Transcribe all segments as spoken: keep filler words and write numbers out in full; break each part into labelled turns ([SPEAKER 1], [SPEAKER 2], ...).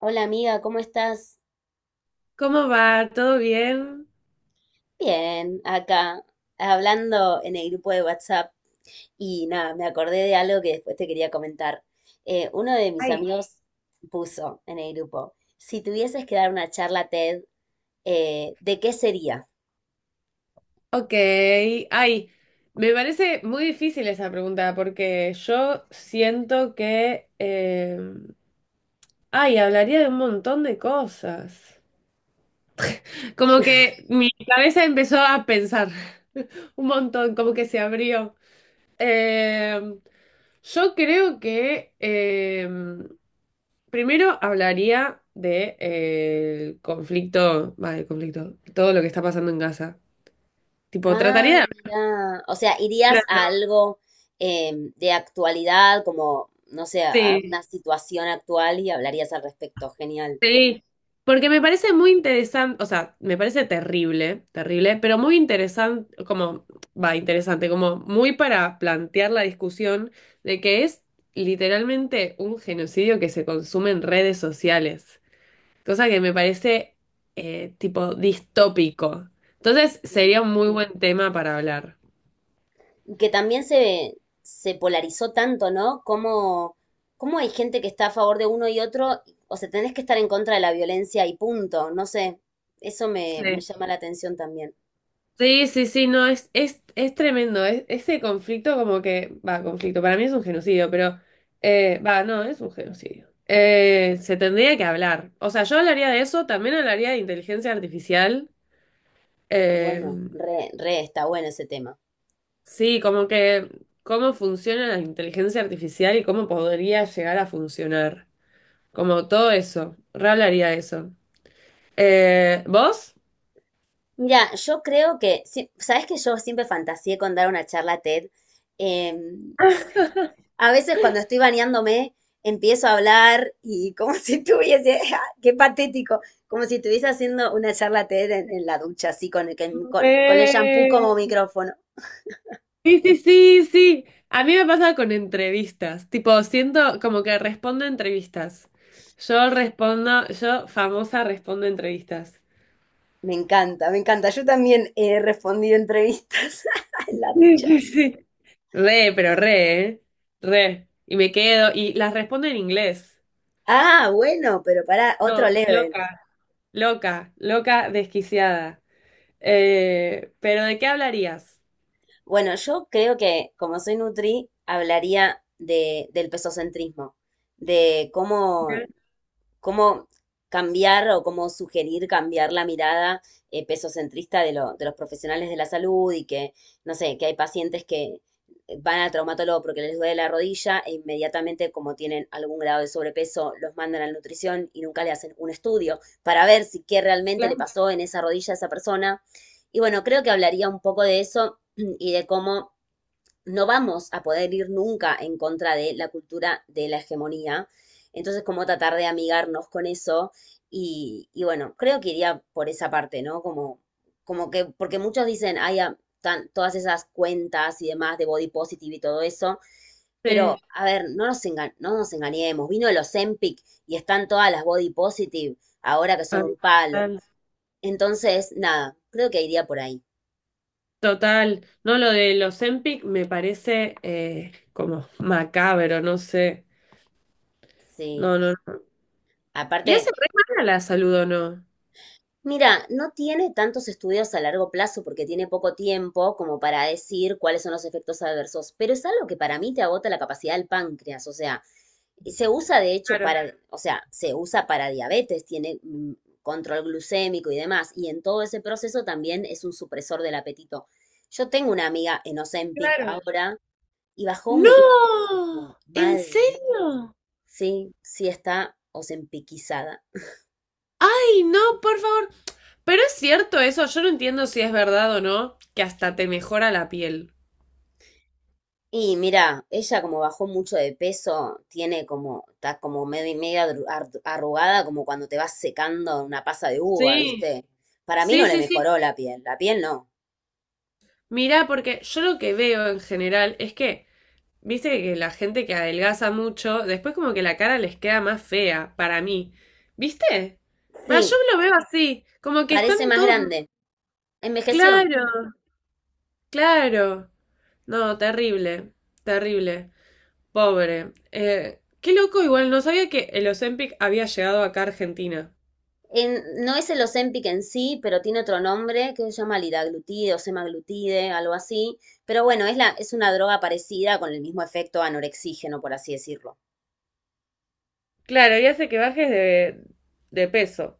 [SPEAKER 1] Hola amiga, ¿cómo estás?
[SPEAKER 2] ¿Cómo va? ¿Todo bien?
[SPEAKER 1] Bien, acá, hablando en el grupo de WhatsApp y nada, me acordé de algo que después te quería comentar. Eh, uno de mis
[SPEAKER 2] Ay,
[SPEAKER 1] amigos puso en el grupo, si tuvieses que dar una charla T E D, eh, ¿de qué sería?
[SPEAKER 2] ok. Ay, me parece muy difícil esa pregunta porque yo siento que... eh, ay, hablaría de un montón de cosas. Como que mi cabeza empezó a pensar un montón, como que se abrió. Eh, yo creo que eh, primero hablaría de, eh, el conflicto, va, el conflicto, todo lo que está pasando en Gaza. Tipo,
[SPEAKER 1] Ah,
[SPEAKER 2] trataría de
[SPEAKER 1] mira. O sea, irías
[SPEAKER 2] hablar.
[SPEAKER 1] a algo em, de actualidad, como, no sé, a
[SPEAKER 2] Sí,
[SPEAKER 1] una situación actual y hablarías al respecto. Genial.
[SPEAKER 2] sí, porque me parece muy interesante, o sea, me parece terrible, terrible, pero muy interesante, como, va, interesante, como muy para plantear la discusión de que es literalmente un genocidio que se consume en redes sociales, cosa que me parece eh, tipo distópico. Entonces
[SPEAKER 1] Sí.
[SPEAKER 2] sería un muy buen tema para hablar.
[SPEAKER 1] Y que también se, se polarizó tanto, ¿no? Como, cómo hay gente que está a favor de uno y otro, o sea, tenés que estar en contra de la violencia y punto. No sé, eso me, me
[SPEAKER 2] Sí.
[SPEAKER 1] llama la atención también.
[SPEAKER 2] Sí, sí, sí, no, es, es, es tremendo. Es, ese conflicto como que, va, conflicto, para mí es un genocidio, pero, eh, va, no, es un genocidio. Eh, se tendría que hablar. O sea, yo hablaría de eso, también hablaría de inteligencia artificial. Eh,
[SPEAKER 1] Bueno, re, re, está bueno ese tema.
[SPEAKER 2] sí, como que cómo funciona la inteligencia artificial y cómo podría llegar a funcionar. Como todo eso, re hablaría de eso. Eh, ¿vos?
[SPEAKER 1] Mira, yo creo que, sí, sabes que yo siempre fantaseé con dar una charla T E D. Em, s- a veces cuando estoy bañándome, empiezo a hablar y como si estuviese, ¡ah! Qué patético, como si estuviese haciendo una charla T E D en, en la ducha, así con el, que- con, con el shampoo
[SPEAKER 2] Re.
[SPEAKER 1] como micrófono.
[SPEAKER 2] Sí, sí, sí, sí. A mí me pasa con entrevistas. Tipo, siento como que respondo a entrevistas. Yo respondo, yo famosa respondo a entrevistas.
[SPEAKER 1] Me encanta, me encanta. Yo también he respondido entrevistas en la
[SPEAKER 2] Sí,
[SPEAKER 1] ducha.
[SPEAKER 2] sí, sí. Re, pero re, ¿eh? Re. Y me quedo, y las respondo en inglés.
[SPEAKER 1] Ah, bueno, pero para
[SPEAKER 2] No,
[SPEAKER 1] otro level.
[SPEAKER 2] loca, loca, loca, desquiciada. Eh, pero ¿de qué hablarías?
[SPEAKER 1] Bueno, yo creo que como soy nutri, hablaría de, del pesocentrismo, de cómo
[SPEAKER 2] Sí.
[SPEAKER 1] cómo cambiar o cómo sugerir cambiar la mirada eh, pesocentrista de, lo- de los profesionales de la salud y que, no sé, que hay pacientes que eh, van al traumatólogo porque les duele la rodilla e inmediatamente, como tienen algún grado de sobrepeso, los mandan a la nutrición y nunca le hacen un estudio para ver si qué realmente le
[SPEAKER 2] Claro.
[SPEAKER 1] pasó en esa rodilla a esa persona. Y bueno, creo que hablaría un poco de eso y de cómo no vamos a poder ir nunca en contra de la cultura de la hegemonía. Entonces, como tratar de amigarnos con eso. Y, y bueno, creo que iría por esa parte, ¿no? Como, como que, porque muchos dicen, hay todas esas cuentas y demás de body positive y todo eso. Pero,
[SPEAKER 2] Sí.
[SPEAKER 1] a ver, no nos, enga- no nos engañemos. Vino el Ozempic y están todas las body positive ahora que son un palo.
[SPEAKER 2] Ah,
[SPEAKER 1] Entonces, nada, creo que iría por ahí.
[SPEAKER 2] total, no, lo de los Empic me parece eh, como macabro, no sé.
[SPEAKER 1] Sí.
[SPEAKER 2] No, no, no. ¿Y
[SPEAKER 1] Aparte,
[SPEAKER 2] hace re mal a la salud o no?
[SPEAKER 1] mira, no tiene tantos estudios a largo plazo porque tiene poco tiempo como para decir cuáles son los efectos adversos, pero es algo que para mí te agota la capacidad del páncreas, o sea, se usa de hecho
[SPEAKER 2] Claro.
[SPEAKER 1] para, o sea, se usa para diabetes, tiene mm, control glucémico y demás, y en todo ese proceso también es un supresor del apetito. Yo tengo una amiga en Ozempic
[SPEAKER 2] Claro.
[SPEAKER 1] ahora y bajó
[SPEAKER 2] ¡No!
[SPEAKER 1] muchísimo,
[SPEAKER 2] ¿En
[SPEAKER 1] mal,
[SPEAKER 2] serio?
[SPEAKER 1] sí, sí está ozempicizada.
[SPEAKER 2] ¡Ay, no, por favor! Pero es cierto eso, yo no entiendo si es verdad o no, que hasta te mejora la piel.
[SPEAKER 1] Y mira, ella como bajó mucho de peso, tiene como, está como medio y media arru- ar- arrugada, como cuando te vas secando una pasa de uva,
[SPEAKER 2] Sí,
[SPEAKER 1] ¿viste? Para mí no
[SPEAKER 2] sí,
[SPEAKER 1] le
[SPEAKER 2] sí, sí.
[SPEAKER 1] mejoró la piel, la piel no.
[SPEAKER 2] Mirá, porque yo lo que veo en general es que viste que la gente que adelgaza mucho, después como que la cara les queda más fea, para mí. ¿Viste? Va, yo
[SPEAKER 1] Sí,
[SPEAKER 2] lo veo así, como que están
[SPEAKER 1] parece más
[SPEAKER 2] todos...
[SPEAKER 1] grande. Envejeció.
[SPEAKER 2] Claro, claro. No, terrible, terrible. Pobre. Eh, qué loco, igual no sabía que el Ozempic había llegado acá a Argentina.
[SPEAKER 1] En- no es el Ozempic en sí, pero tiene otro nombre que se llama liraglutide o semaglutide, algo así. Pero bueno, es la, es una droga parecida con el mismo efecto anorexígeno, por así decirlo.
[SPEAKER 2] Claro, y hace que bajes de, de peso.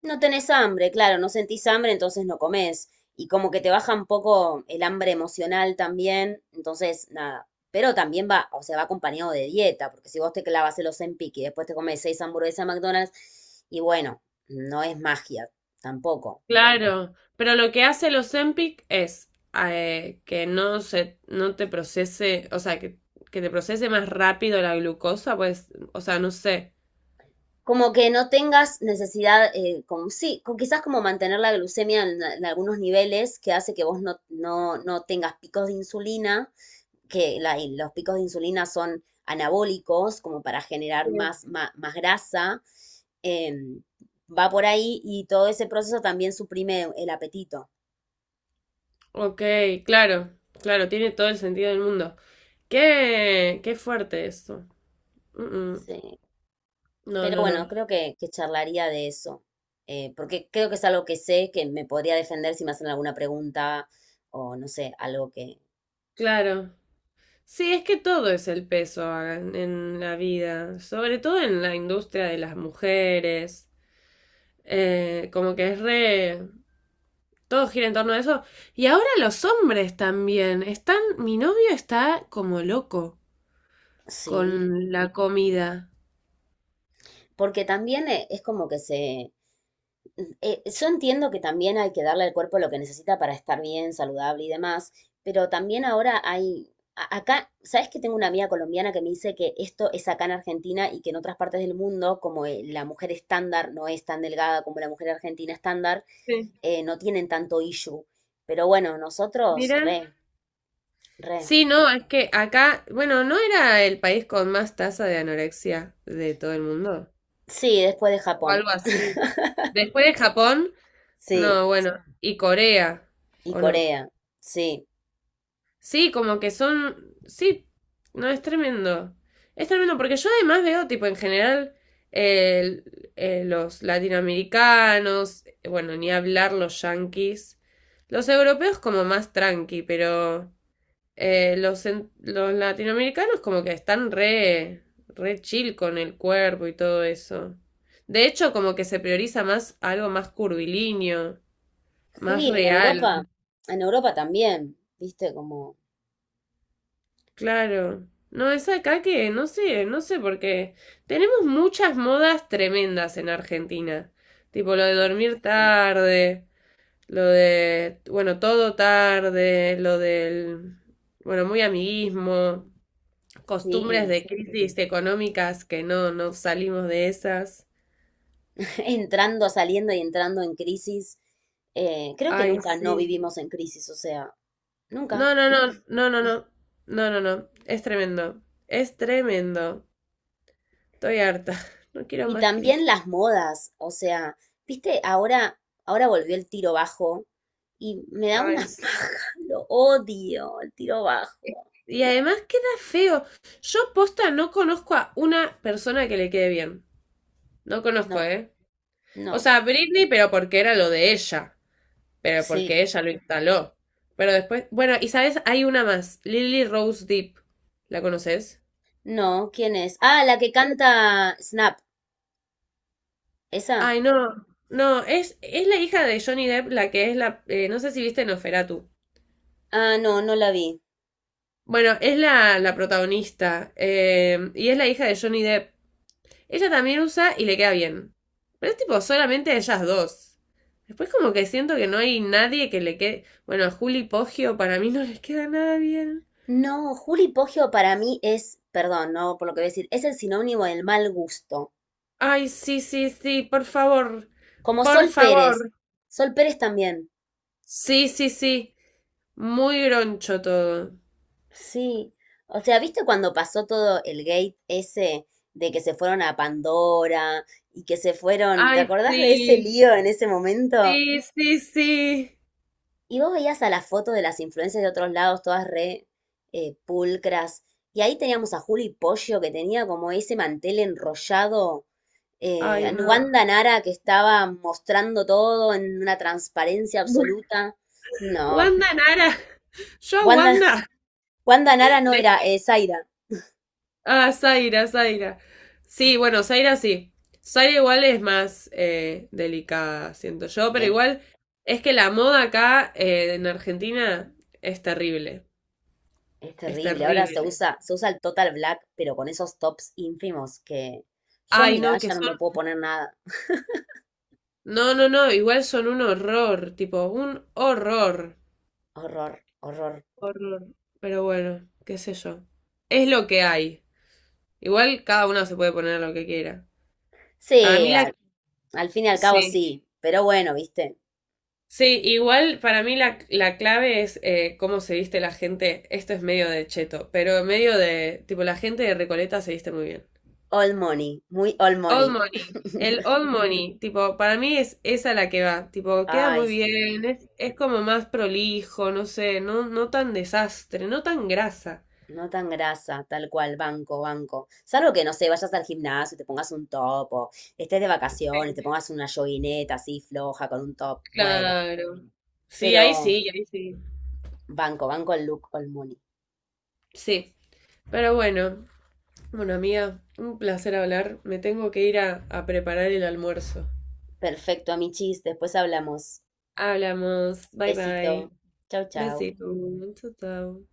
[SPEAKER 1] No tenés hambre, claro, no sentís hambre, entonces no comés. Y como que te baja un poco el hambre emocional también, entonces nada. Pero también va, o sea, va acompañado de dieta, porque si vos te clavas el Ozempic y después te comes seis hamburguesas de McDonald's, y bueno, no es magia tampoco.
[SPEAKER 2] Claro, pero lo que hace el Ozempic es eh, que no se, no te procese, o sea, que, que te procese más rápido la glucosa, pues, o sea, no sé.
[SPEAKER 1] Como que no tengas necesidad, eh, como, sí, con, quizás como mantener la glucemia en, en algunos niveles que hace que vos no, no, no tengas picos de insulina que la- los picos de insulina son anabólicos, como para generar
[SPEAKER 2] Sí.
[SPEAKER 1] más, más más grasa, em, va por ahí y todo ese proceso también suprime el apetito.
[SPEAKER 2] Ok, claro, claro, tiene todo el sentido del mundo. Qué, qué fuerte eso. Mm, mm.
[SPEAKER 1] Sí.
[SPEAKER 2] No,
[SPEAKER 1] Pero
[SPEAKER 2] no,
[SPEAKER 1] bueno,
[SPEAKER 2] no.
[SPEAKER 1] creo que, que charlaría de eso, eh, porque creo que es algo que sé que me podría defender si me hacen alguna pregunta o no sé, algo que...
[SPEAKER 2] Claro. Sí, es que todo es el peso a- en la vida, sobre todo en la industria de las mujeres. Eh, como que es re... Todo gira en torno a eso. Y ahora los hombres también. Están, mi novio está como loco
[SPEAKER 1] Sí,
[SPEAKER 2] con la comida.
[SPEAKER 1] porque también eh, es como que se... Eh, yo entiendo que también hay que darle al cuerpo lo que necesita para estar bien, saludable y demás, pero también ahora hay, a- acá, ¿sabes que tengo una amiga colombiana que me dice que esto es acá en Argentina y que en otras partes del mundo, como eh, la mujer estándar no es tan delgada como la mujer argentina estándar,
[SPEAKER 2] Sí,
[SPEAKER 1] eh, no tienen tanto issue? Pero bueno, nosotros,
[SPEAKER 2] mira.
[SPEAKER 1] re, re.
[SPEAKER 2] Sí, no, es que acá, bueno, ¿no era el país con más tasa de anorexia de todo el mundo?
[SPEAKER 1] Sí, después de
[SPEAKER 2] O
[SPEAKER 1] Japón,
[SPEAKER 2] algo así. Después de Japón,
[SPEAKER 1] sí,
[SPEAKER 2] no, bueno, y Corea,
[SPEAKER 1] y
[SPEAKER 2] ¿o no?
[SPEAKER 1] Corea, sí.
[SPEAKER 2] Sí, como que son. Sí, no, es tremendo. Es tremendo, porque yo además veo, tipo, en general, el- eh, los latinoamericanos, bueno, ni hablar los yanquis. Los europeos como más tranqui, pero eh, los, en- los latinoamericanos como que están re, re chill con el cuerpo y todo eso. De hecho, como que se prioriza más algo más curvilíneo, más
[SPEAKER 1] Sí, en Europa,
[SPEAKER 2] real.
[SPEAKER 1] en Europa también, viste, como...
[SPEAKER 2] Claro. No, es acá que no sé, no sé por qué. Tenemos muchas modas tremendas en Argentina. Tipo lo de dormir, sí, tarde, lo de, bueno, todo tarde, lo del, bueno, muy amiguismo, costumbres
[SPEAKER 1] Sí,
[SPEAKER 2] de crisis económicas que no, no salimos de esas.
[SPEAKER 1] entrando, saliendo y entrando en crisis. Eh, creo que
[SPEAKER 2] Ay,
[SPEAKER 1] nunca no
[SPEAKER 2] sí.
[SPEAKER 1] vivimos en crisis, o sea,
[SPEAKER 2] No,
[SPEAKER 1] nunca.
[SPEAKER 2] no, no, no, no, no. No, no, no. Es tremendo. Es tremendo. Estoy harta. No quiero
[SPEAKER 1] Y
[SPEAKER 2] más
[SPEAKER 1] también
[SPEAKER 2] crisis.
[SPEAKER 1] las modas, o sea, viste, ahora, ahora volvió el tiro bajo y me da
[SPEAKER 2] Ay,
[SPEAKER 1] una
[SPEAKER 2] sí.
[SPEAKER 1] paja, lo odio, el tiro bajo.
[SPEAKER 2] Y además queda feo. Yo posta no conozco a una persona que le quede bien. No
[SPEAKER 1] No,
[SPEAKER 2] conozco, ¿eh? O
[SPEAKER 1] no,
[SPEAKER 2] sea, Britney, pero porque era lo de ella. Pero porque
[SPEAKER 1] sí,
[SPEAKER 2] ella lo instaló. Pero después, bueno, y sabes, hay una más, Lily Rose Depp. ¿La conoces?
[SPEAKER 1] no, ¿quién es? Ah, la que canta Snap, esa.
[SPEAKER 2] Ay, no, no, es, es la hija de Johnny Depp, la que es la, eh, no sé si viste Noferatu.
[SPEAKER 1] Ah, no, no la vi.
[SPEAKER 2] Bueno, es la, la protagonista, eh, y es la hija de Johnny Depp. Ella también usa y le queda bien. Pero es tipo solamente ellas dos. Después como que siento que no hay nadie que le quede... Bueno, a Juli Poggio para mí no les queda nada bien.
[SPEAKER 1] No, Juli Poggio para mí es, perdón, no por lo que voy a decir, es el sinónimo del mal gusto.
[SPEAKER 2] Ay, sí, sí, sí, por favor.
[SPEAKER 1] Como
[SPEAKER 2] Por
[SPEAKER 1] Sol Pérez.
[SPEAKER 2] favor.
[SPEAKER 1] Sol Pérez también.
[SPEAKER 2] Sí, sí, sí. Muy groncho todo.
[SPEAKER 1] Sí. O sea, ¿viste cuando pasó todo el gate ese de que se fueron a Pandora y que se fueron? ¿Te
[SPEAKER 2] Ay,
[SPEAKER 1] acordás de ese
[SPEAKER 2] sí.
[SPEAKER 1] lío en ese momento?
[SPEAKER 2] Sí, sí, sí.
[SPEAKER 1] Y vos veías a las fotos de las influencias de otros lados, todas re eh, pulcras. Y ahí teníamos a Juli Pollo, que tenía como ese mantel enrollado. Eh, a
[SPEAKER 2] Ay, no.
[SPEAKER 1] Wanda Nara, que estaba mostrando todo en una transparencia absoluta. No, que
[SPEAKER 2] Wanda Nara. Yo a
[SPEAKER 1] Wanda
[SPEAKER 2] Wanda.
[SPEAKER 1] Wanda Nara no era, eh, Zaira.
[SPEAKER 2] Ah, Zaira, Zaira. Sí, bueno, Zaira sí. Zaira igual es más eh, delicada, siento yo, pero
[SPEAKER 1] Sí,
[SPEAKER 2] igual es que la moda acá eh, en Argentina es terrible,
[SPEAKER 1] es
[SPEAKER 2] es
[SPEAKER 1] terrible. Ahora se
[SPEAKER 2] terrible.
[SPEAKER 1] usa, se usa el total black, pero con esos tops ínfimos que yo a
[SPEAKER 2] Ay,
[SPEAKER 1] mi edad
[SPEAKER 2] no, que
[SPEAKER 1] ya no me
[SPEAKER 2] son...
[SPEAKER 1] puedo poner nada.
[SPEAKER 2] No, no, no, igual son un horror, tipo, un horror.
[SPEAKER 1] Horror, horror.
[SPEAKER 2] Horror. Pero bueno, qué sé yo. Es lo que hay. Igual cada uno se puede poner lo que quiera. Para mí
[SPEAKER 1] Sí,
[SPEAKER 2] la...
[SPEAKER 1] al, al fin y al cabo
[SPEAKER 2] Sí.
[SPEAKER 1] sí, pero bueno, viste.
[SPEAKER 2] Sí, igual para mí la, la clave es eh, cómo se viste la gente. Esto es medio de cheto, pero medio de, tipo, la gente de Recoleta se viste muy bien.
[SPEAKER 1] All money, muy all
[SPEAKER 2] Old
[SPEAKER 1] money.
[SPEAKER 2] Money, el Old Money, tipo, para mí es esa la que va, tipo, queda
[SPEAKER 1] Ay,
[SPEAKER 2] muy bien,
[SPEAKER 1] sí.
[SPEAKER 2] es, es como más prolijo, no sé, no, no tan desastre, no tan grasa.
[SPEAKER 1] No tan grasa, tal cual, banco, banco. Salvo que, no sé, vayas al gimnasio, y te pongas un top, o estés de vacaciones, te
[SPEAKER 2] Sí,
[SPEAKER 1] pongas una joguineta así floja con un top. Bueno,
[SPEAKER 2] claro. Sí, ahí
[SPEAKER 1] pero
[SPEAKER 2] sí, ahí sí.
[SPEAKER 1] banco, banco el look all money.
[SPEAKER 2] Sí, pero bueno, bueno, amiga, un placer hablar. Me tengo que ir a, a preparar el almuerzo.
[SPEAKER 1] Perfecto, amichis. Después hablamos.
[SPEAKER 2] Hablamos. Bye
[SPEAKER 1] Besito.
[SPEAKER 2] bye.
[SPEAKER 1] Chau, chau.
[SPEAKER 2] Besito. Chao, chao.